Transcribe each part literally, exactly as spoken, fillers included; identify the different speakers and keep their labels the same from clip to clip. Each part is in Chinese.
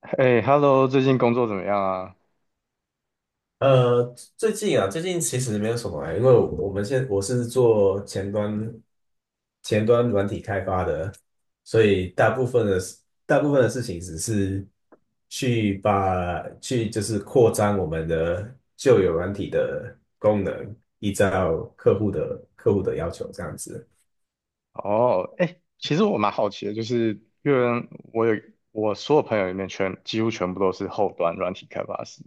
Speaker 1: 哎，Hello，最近工作怎么样啊？
Speaker 2: 呃，最近啊，最近其实没有什么欸，因为我们现我是做前端前端软体开发的，所以大部分的事大部分的事情只是去把去就是扩张我们的旧有软体的功能，依照客户的客户的要求这样子。
Speaker 1: 哦，哎，其实我蛮好奇的，就是因为我有我所有朋友里面全几乎全部都是后端软体开发师。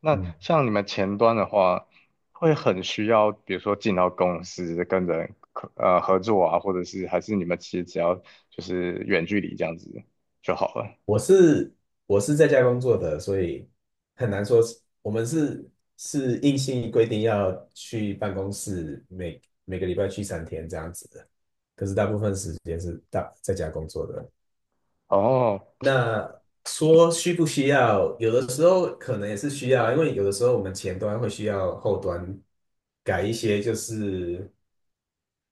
Speaker 1: 那
Speaker 2: 嗯。
Speaker 1: 像你们前端的话，会很需要，比如说进到公司跟人呃合作啊，或者是还是你们其实只要就是远距离这样子就好了。
Speaker 2: 我是我是在家工作的，所以很难说是我们是是硬性规定要去办公室每每个礼拜去三天这样子的，可是大部分时间是大在家工作的。
Speaker 1: 哦，
Speaker 2: 那说需不需要，有的时候可能也是需要，因为有的时候我们前端会需要后端改一些就是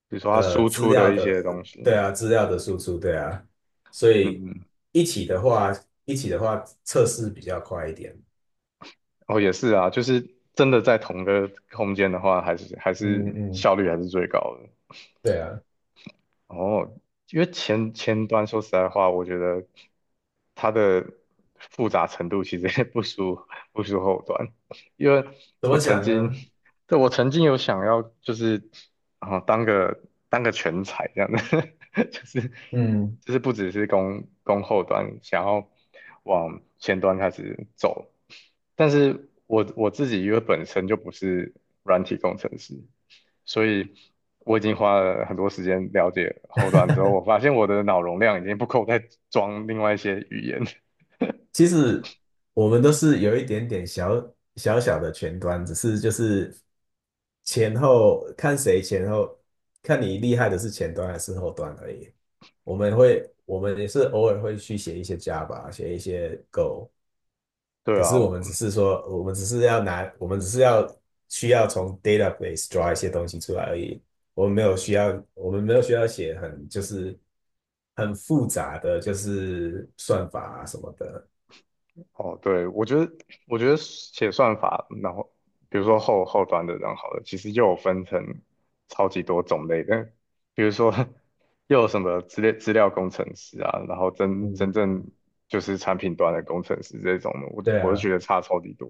Speaker 1: 比如说他
Speaker 2: 呃
Speaker 1: 输
Speaker 2: 资
Speaker 1: 出
Speaker 2: 料
Speaker 1: 的一
Speaker 2: 的，
Speaker 1: 些东西，
Speaker 2: 对啊，资料的输出，对啊，所
Speaker 1: 嗯
Speaker 2: 以
Speaker 1: 嗯
Speaker 2: 一起的话，一起的话测试比较快一点。
Speaker 1: 哦，也是啊，就是真的在同个空间的话，还是还是
Speaker 2: 嗯嗯，
Speaker 1: 效率还是最高的。
Speaker 2: 对啊，
Speaker 1: 哦，因为前前端说实在话，我觉得它的复杂程度其实也不输不输后端，因为
Speaker 2: 怎
Speaker 1: 我
Speaker 2: 么
Speaker 1: 曾
Speaker 2: 讲
Speaker 1: 经，
Speaker 2: 呢？
Speaker 1: 对，我曾经有想要就是啊、当个当个全才这样的，就是
Speaker 2: 嗯，
Speaker 1: 就是不只是攻攻后端，想要往前端开始走，但是我我自己因为本身就不是软体工程师，所以我已经花了很多时间了解后端之后，我发现我的脑容量已经不够再装另外一些语言。
Speaker 2: 其实我们都是有一点点小小小的前端，只是就是前后看谁前后，看你厉害的是前端还是后端而已。我们会，我们也是偶尔会去写一些 Java,写一些 Go,
Speaker 1: 对
Speaker 2: 可
Speaker 1: 啊，
Speaker 2: 是我
Speaker 1: 我
Speaker 2: 们
Speaker 1: 嗯
Speaker 2: 只是说，我们只是要拿，我们只是要需要从 database draw 一些东西出来而已。我们没有需要，我们没有需要写很就是很复杂的，就是算法啊什么的。
Speaker 1: 哦，对，我觉得我觉得写算法，然后比如说后后端的，然后好了，其实又有分成超级多种类的，比如说 又有什么资料资料工程师啊，然后真
Speaker 2: 嗯，
Speaker 1: 真正就是产品端的工程师这种的，我
Speaker 2: 对
Speaker 1: 我就觉
Speaker 2: 啊，
Speaker 1: 得差超级多。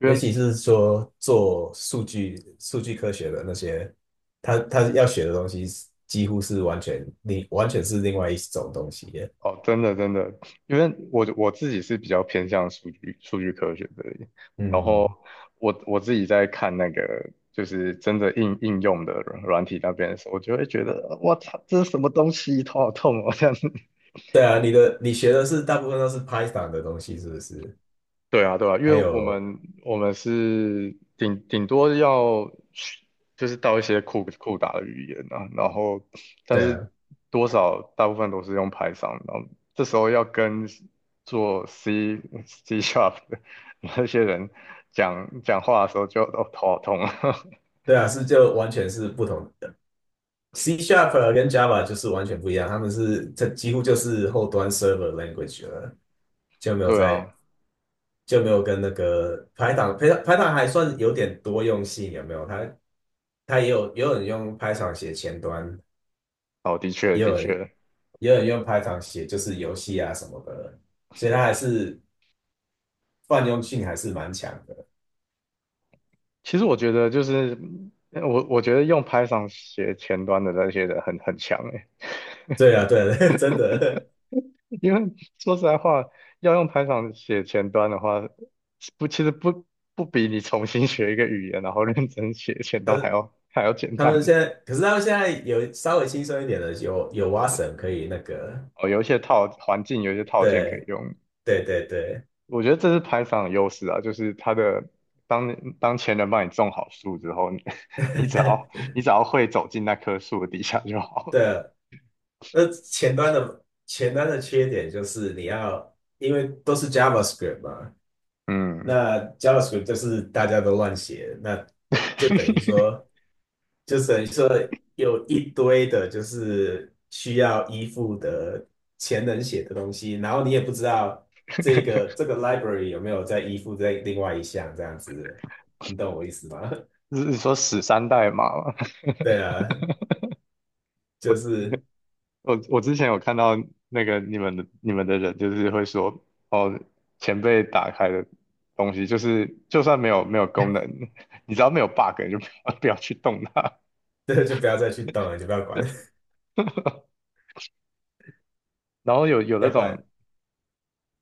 Speaker 1: 因
Speaker 2: 尤
Speaker 1: 为
Speaker 2: 其是说做数据数据科学的那些，他他要学的东西几乎是完全另完全是另外一种东西耶。
Speaker 1: 哦，真的真的，因为我我自己是比较偏向数据数据科学的，然后
Speaker 2: 嗯，
Speaker 1: 我我自己在看那个就是真的应应用的软软体那边的时候，我就会觉得我操，这是什么东西，头好痛哦，这样。
Speaker 2: 对啊，你的你学的是大部分都是 Python 的东西，是不是？
Speaker 1: 对啊，对啊，因为
Speaker 2: 还
Speaker 1: 我
Speaker 2: 有
Speaker 1: 们我们是顶顶多要去就是到一些酷酷打的语言啊，然后但
Speaker 2: 对
Speaker 1: 是
Speaker 2: 啊，
Speaker 1: 多少大部分都是用 Python，然后这时候要跟做 C C Sharp 的那些人讲讲话的时候就哦头好痛啊，
Speaker 2: 对啊，是就完全是不同的。C Sharp 跟 Java 就是完全不一样，他们是这几乎就是后端 server language 了，就 没有
Speaker 1: 对
Speaker 2: 在
Speaker 1: 啊，
Speaker 2: 就没有跟那个 Python，Python 还算有点多用性，有没有？它它也有也有人用 Python 写前端，
Speaker 1: 哦的确
Speaker 2: 也
Speaker 1: 的
Speaker 2: 有人
Speaker 1: 确，
Speaker 2: 也有人用 Python 写就是游戏啊什么的，所以它还是泛用性还是蛮强的。
Speaker 1: 其实我觉得就是我我觉得用 Python 写前端的那些人很很强诶、
Speaker 2: 对啊，对啊，真的。
Speaker 1: 因为说实在话，要用 Python 写前端的话，不，其实不不比你重新学一个语言，然后认真写前端还要还要简
Speaker 2: 他们
Speaker 1: 单。
Speaker 2: 现在，可是他们现在有稍微轻松一点的，有有 w
Speaker 1: 好的，
Speaker 2: a 可以那个，
Speaker 1: 哦，有一些套环境，有一些套件可以
Speaker 2: 对
Speaker 1: 用。
Speaker 2: 对对对
Speaker 1: 我觉得这是 Python 的优势啊，就是它的当当前人帮你种好树之后，你 你只要 你只要会走进那棵树的底下就好了。
Speaker 2: 对啊。那前端的前端的缺点就是你要，因为都是 JavaScript 嘛，
Speaker 1: 嗯，
Speaker 2: 那 JavaScript 就是大家都乱写，那就等于 说，就等于说有一堆的，就是需要依附的前人写的东西，然后你也不知道这个这个 library 有没有在依附在另外一项这样子，你懂我意思吗？
Speaker 1: 是是说死三代码吗？
Speaker 2: 对啊，
Speaker 1: 我
Speaker 2: 就是
Speaker 1: 我我之前有看到那个你们的你们的人，就是会说，哦，前辈打开的东西，就是就算没有没有功能，你只要没有 bug，你就不要不要去动它。
Speaker 2: 这就不要再去动了，就不要管，
Speaker 1: 然后有有 那
Speaker 2: 要不
Speaker 1: 种，
Speaker 2: 然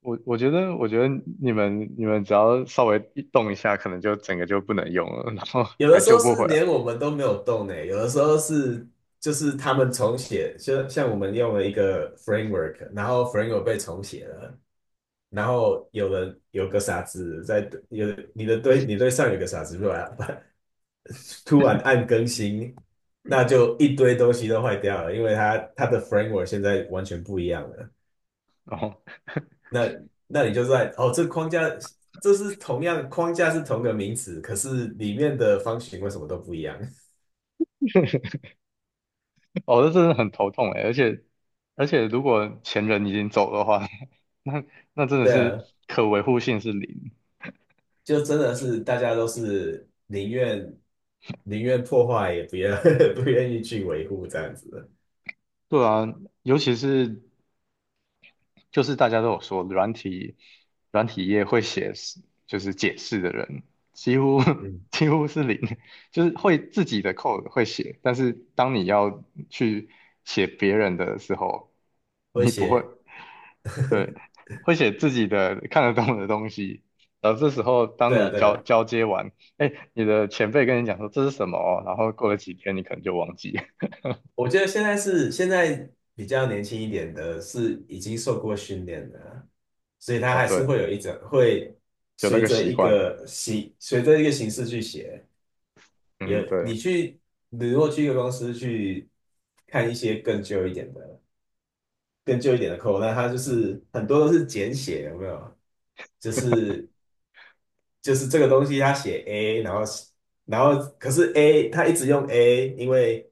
Speaker 1: 我我觉得我觉得你们你们只要稍微一动一下，可能就整个就不能用了，然后
Speaker 2: 有的
Speaker 1: 还
Speaker 2: 时
Speaker 1: 救
Speaker 2: 候
Speaker 1: 不回
Speaker 2: 是
Speaker 1: 来。
Speaker 2: 连我们都没有动呢，有的时候是就是他们重写，就像我们用了一个 framework,然后 framework 被重写了，然后有人有个傻子在有你的堆你堆上有个傻子突然 突然按更新，那就一堆东西都坏掉了，因为它它的 framework 现在完全不一样了。
Speaker 1: 然后
Speaker 2: 那那你就在哦，这框架这是同样框架是同个名词，可是里面的方形为什么都不一样？
Speaker 1: 哦，这真的很头痛哎，而且而且如果前人已经走的话，那那真的
Speaker 2: 对
Speaker 1: 是
Speaker 2: 啊，
Speaker 1: 可维护性是零。
Speaker 2: 就真的是大家都是宁愿宁愿破坏，也不愿 不愿意去维护这样子的。
Speaker 1: 对啊，尤其是就是大家都有说，软体软体业会写就是解释的人，几乎
Speaker 2: 嗯，
Speaker 1: 几乎是零，就是会自己的 code 会写，但是当你要去写别人的时候，
Speaker 2: 会
Speaker 1: 你不会，
Speaker 2: 写，
Speaker 1: 对，会写自己的看得懂的东西。然后这时候，当
Speaker 2: 对啊，
Speaker 1: 你
Speaker 2: 对
Speaker 1: 交
Speaker 2: 啊。
Speaker 1: 交接完，哎，你的前辈跟你讲说这是什么哦然后过了几天，你可能就忘记。
Speaker 2: 我觉得现在是现在比较年轻一点的，是已经受过训练的啊，所以他
Speaker 1: 哦，
Speaker 2: 还是
Speaker 1: 对，
Speaker 2: 会有一种会
Speaker 1: 有那
Speaker 2: 随
Speaker 1: 个
Speaker 2: 着
Speaker 1: 习
Speaker 2: 一
Speaker 1: 惯。
Speaker 2: 个形随着一个形式去写。
Speaker 1: 嗯，
Speaker 2: 也，
Speaker 1: 对。
Speaker 2: 你去，你如果去一个公司去看一些更旧一点的、更旧一点的 code,那它就是很多都是简写，有没有？就是就是这个东西，它写 A,然后然后可是 A 它一直用 A,因为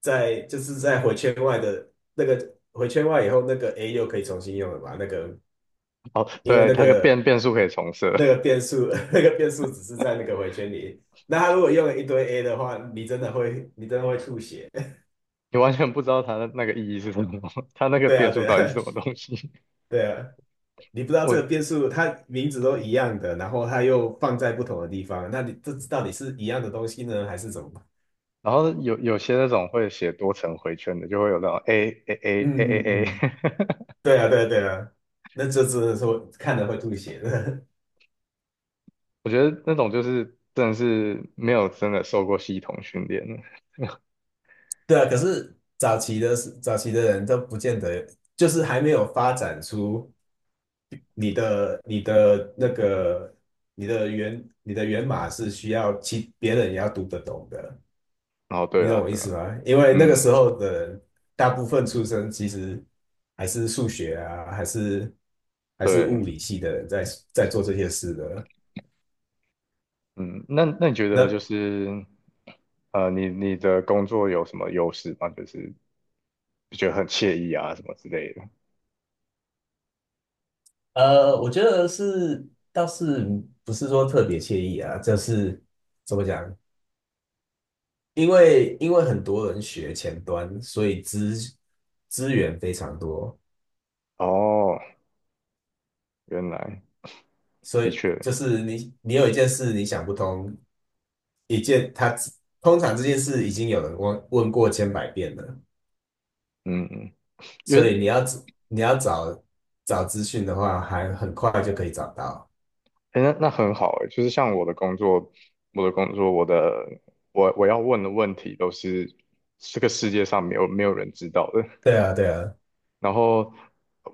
Speaker 2: 在就是在回圈外的那个回圈外以后，那个 A 又可以重新用了嘛？那个
Speaker 1: 哦，
Speaker 2: 因为
Speaker 1: 对，
Speaker 2: 那
Speaker 1: 它个变
Speaker 2: 个
Speaker 1: 变数可以重设，
Speaker 2: 那个变数 那个变数只是在那个回圈里，那它如果用了一堆 A 的话，你真的会你真的会吐血。
Speaker 1: 你完全不知道它的那个意义是什么，它那 个
Speaker 2: 对啊，
Speaker 1: 变数
Speaker 2: 对
Speaker 1: 到底是
Speaker 2: 啊，
Speaker 1: 什么东西。
Speaker 2: 对啊，你不知道这
Speaker 1: 我，
Speaker 2: 个变数，它名字都一样的，然后它又放在不同的地方，那你这到底是一样的东西呢，还是怎么办。
Speaker 1: 然后有有些那种会写多层回圈的，就会有那种 A A A A
Speaker 2: 嗯嗯
Speaker 1: A A，
Speaker 2: 嗯，对啊，对啊，对啊，那这只能说看了会吐血的。
Speaker 1: 我觉得那种就是真的是没有真的受过系统训练的。
Speaker 2: 对啊，可是早期的是早期的人都不见得，就是还没有发展出你的你的那个你的源你的源码是需要其别人也要读得懂的。
Speaker 1: 然后对
Speaker 2: 你
Speaker 1: 啊，
Speaker 2: 懂我意
Speaker 1: 对
Speaker 2: 思
Speaker 1: 啊，
Speaker 2: 吗？因为那个
Speaker 1: 嗯，
Speaker 2: 时候的人大部分出生其实还是数学啊，还是还是物
Speaker 1: 对，
Speaker 2: 理系的人在在做这些事的。
Speaker 1: 嗯，那那你觉得就
Speaker 2: 那
Speaker 1: 是呃，你你的工作有什么优势吗？就是觉得很惬意啊什么之类的。
Speaker 2: 呃，我觉得是倒是不是说特别惬意啊，就是怎么讲？因为因为很多人学前端，所以资资源非常多，
Speaker 1: 哦，原来
Speaker 2: 所
Speaker 1: 的
Speaker 2: 以
Speaker 1: 确。
Speaker 2: 就是你你有一件事你想不通，一件他通常这件事已经有人问问过千百遍了，
Speaker 1: 嗯，嗯因
Speaker 2: 所以
Speaker 1: 为
Speaker 2: 你要找你要找找资讯的话，还很快就可以找到。
Speaker 1: 诶那那很好诶，就是像我的工作，我的工作，我的我我要问的问题都是这个世界上没有没有人知道的，
Speaker 2: 对啊，对啊，
Speaker 1: 然后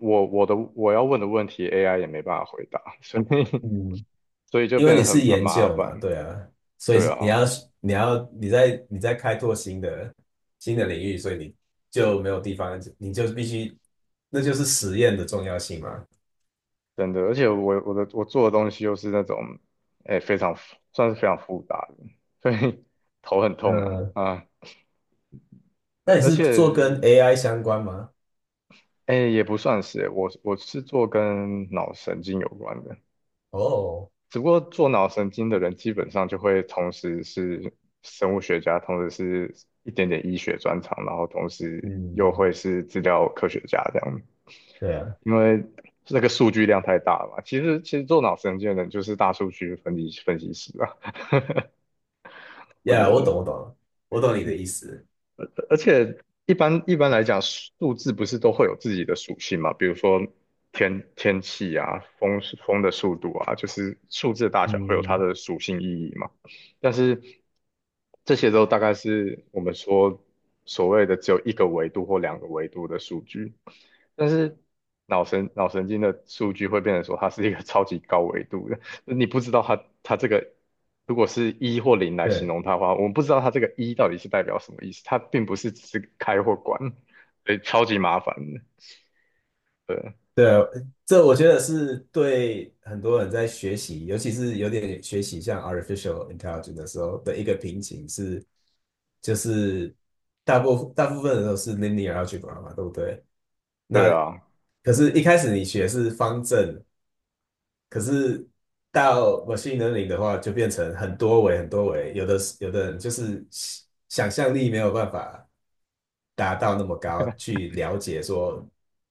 Speaker 1: 我我的我要问的问题 A I 也没办法回答，所以
Speaker 2: 嗯，
Speaker 1: 所以就
Speaker 2: 因为
Speaker 1: 变
Speaker 2: 你
Speaker 1: 得
Speaker 2: 是
Speaker 1: 很很
Speaker 2: 研
Speaker 1: 麻
Speaker 2: 究嘛，
Speaker 1: 烦，
Speaker 2: 对啊，所以
Speaker 1: 对
Speaker 2: 是你
Speaker 1: 啊，
Speaker 2: 要你要你在你在开拓新的新的领域，所以你就没有地方，你就必须，那就是实验的重要性嘛。
Speaker 1: 真的，而且我我的我做的东西又是那种诶非常复算是非常复杂的，所以 头很痛啊
Speaker 2: 嗯，
Speaker 1: 啊，
Speaker 2: 那
Speaker 1: 而
Speaker 2: 你
Speaker 1: 而
Speaker 2: 是
Speaker 1: 且。
Speaker 2: 做跟 A I 相关吗？
Speaker 1: 哎，也不算是，我我是做跟脑神经有关的，
Speaker 2: 哦，
Speaker 1: 只不过做脑神经的人基本上就会同时是生物学家，同时是一点点医学专长，然后同时又会
Speaker 2: 嗯，
Speaker 1: 是资料科学家这样，
Speaker 2: 对啊，
Speaker 1: 因为那个数据量太大了嘛。其实其实做脑神经的人就是大数据分析分析师啊，我觉
Speaker 2: 呀，我懂，我
Speaker 1: 得。
Speaker 2: 懂，我懂你的意思。
Speaker 1: 而且一般一般来讲，数字不是都会有自己的属性嘛？比如说天天气啊，风风的速度啊，就是数字的大小会有它
Speaker 2: 嗯，
Speaker 1: 的属性意义嘛。但是这些都大概是我们说所谓的只有一个维度或两个维度的数据，但是脑神脑神经的数据会变成说它是一个 超级高维度的。你不知道它它这个如果是一或零来形
Speaker 2: 对。
Speaker 1: 容它的话，我们不知道它这个一到底是代表什么意思，它并不是只是开或关，所以超级麻烦的对
Speaker 2: 对啊，这我觉得是对很多人在学习，尤其是有点学习像 artificial intelligence 的时候的一个瓶颈是，就是大部大部分人都是 linear a l g e 嘛，对不对？
Speaker 1: 对
Speaker 2: 那
Speaker 1: 啊，
Speaker 2: 可是，一开始你学是方阵，可是到 machine learning 的话，就变成很多维、很多维，有的有的人就是想象力没有办法达到那么高，去了解说，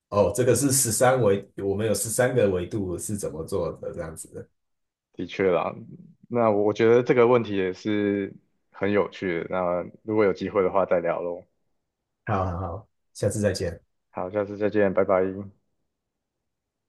Speaker 2: 哦，这个是十三维，我们有十三个维度是怎么做的这样子。
Speaker 1: 的确啦。那我觉得这个问题也是很有趣的。那如果有机会的话再聊喽。
Speaker 2: 好好好，下次再见。
Speaker 1: 好，下次再见，拜拜。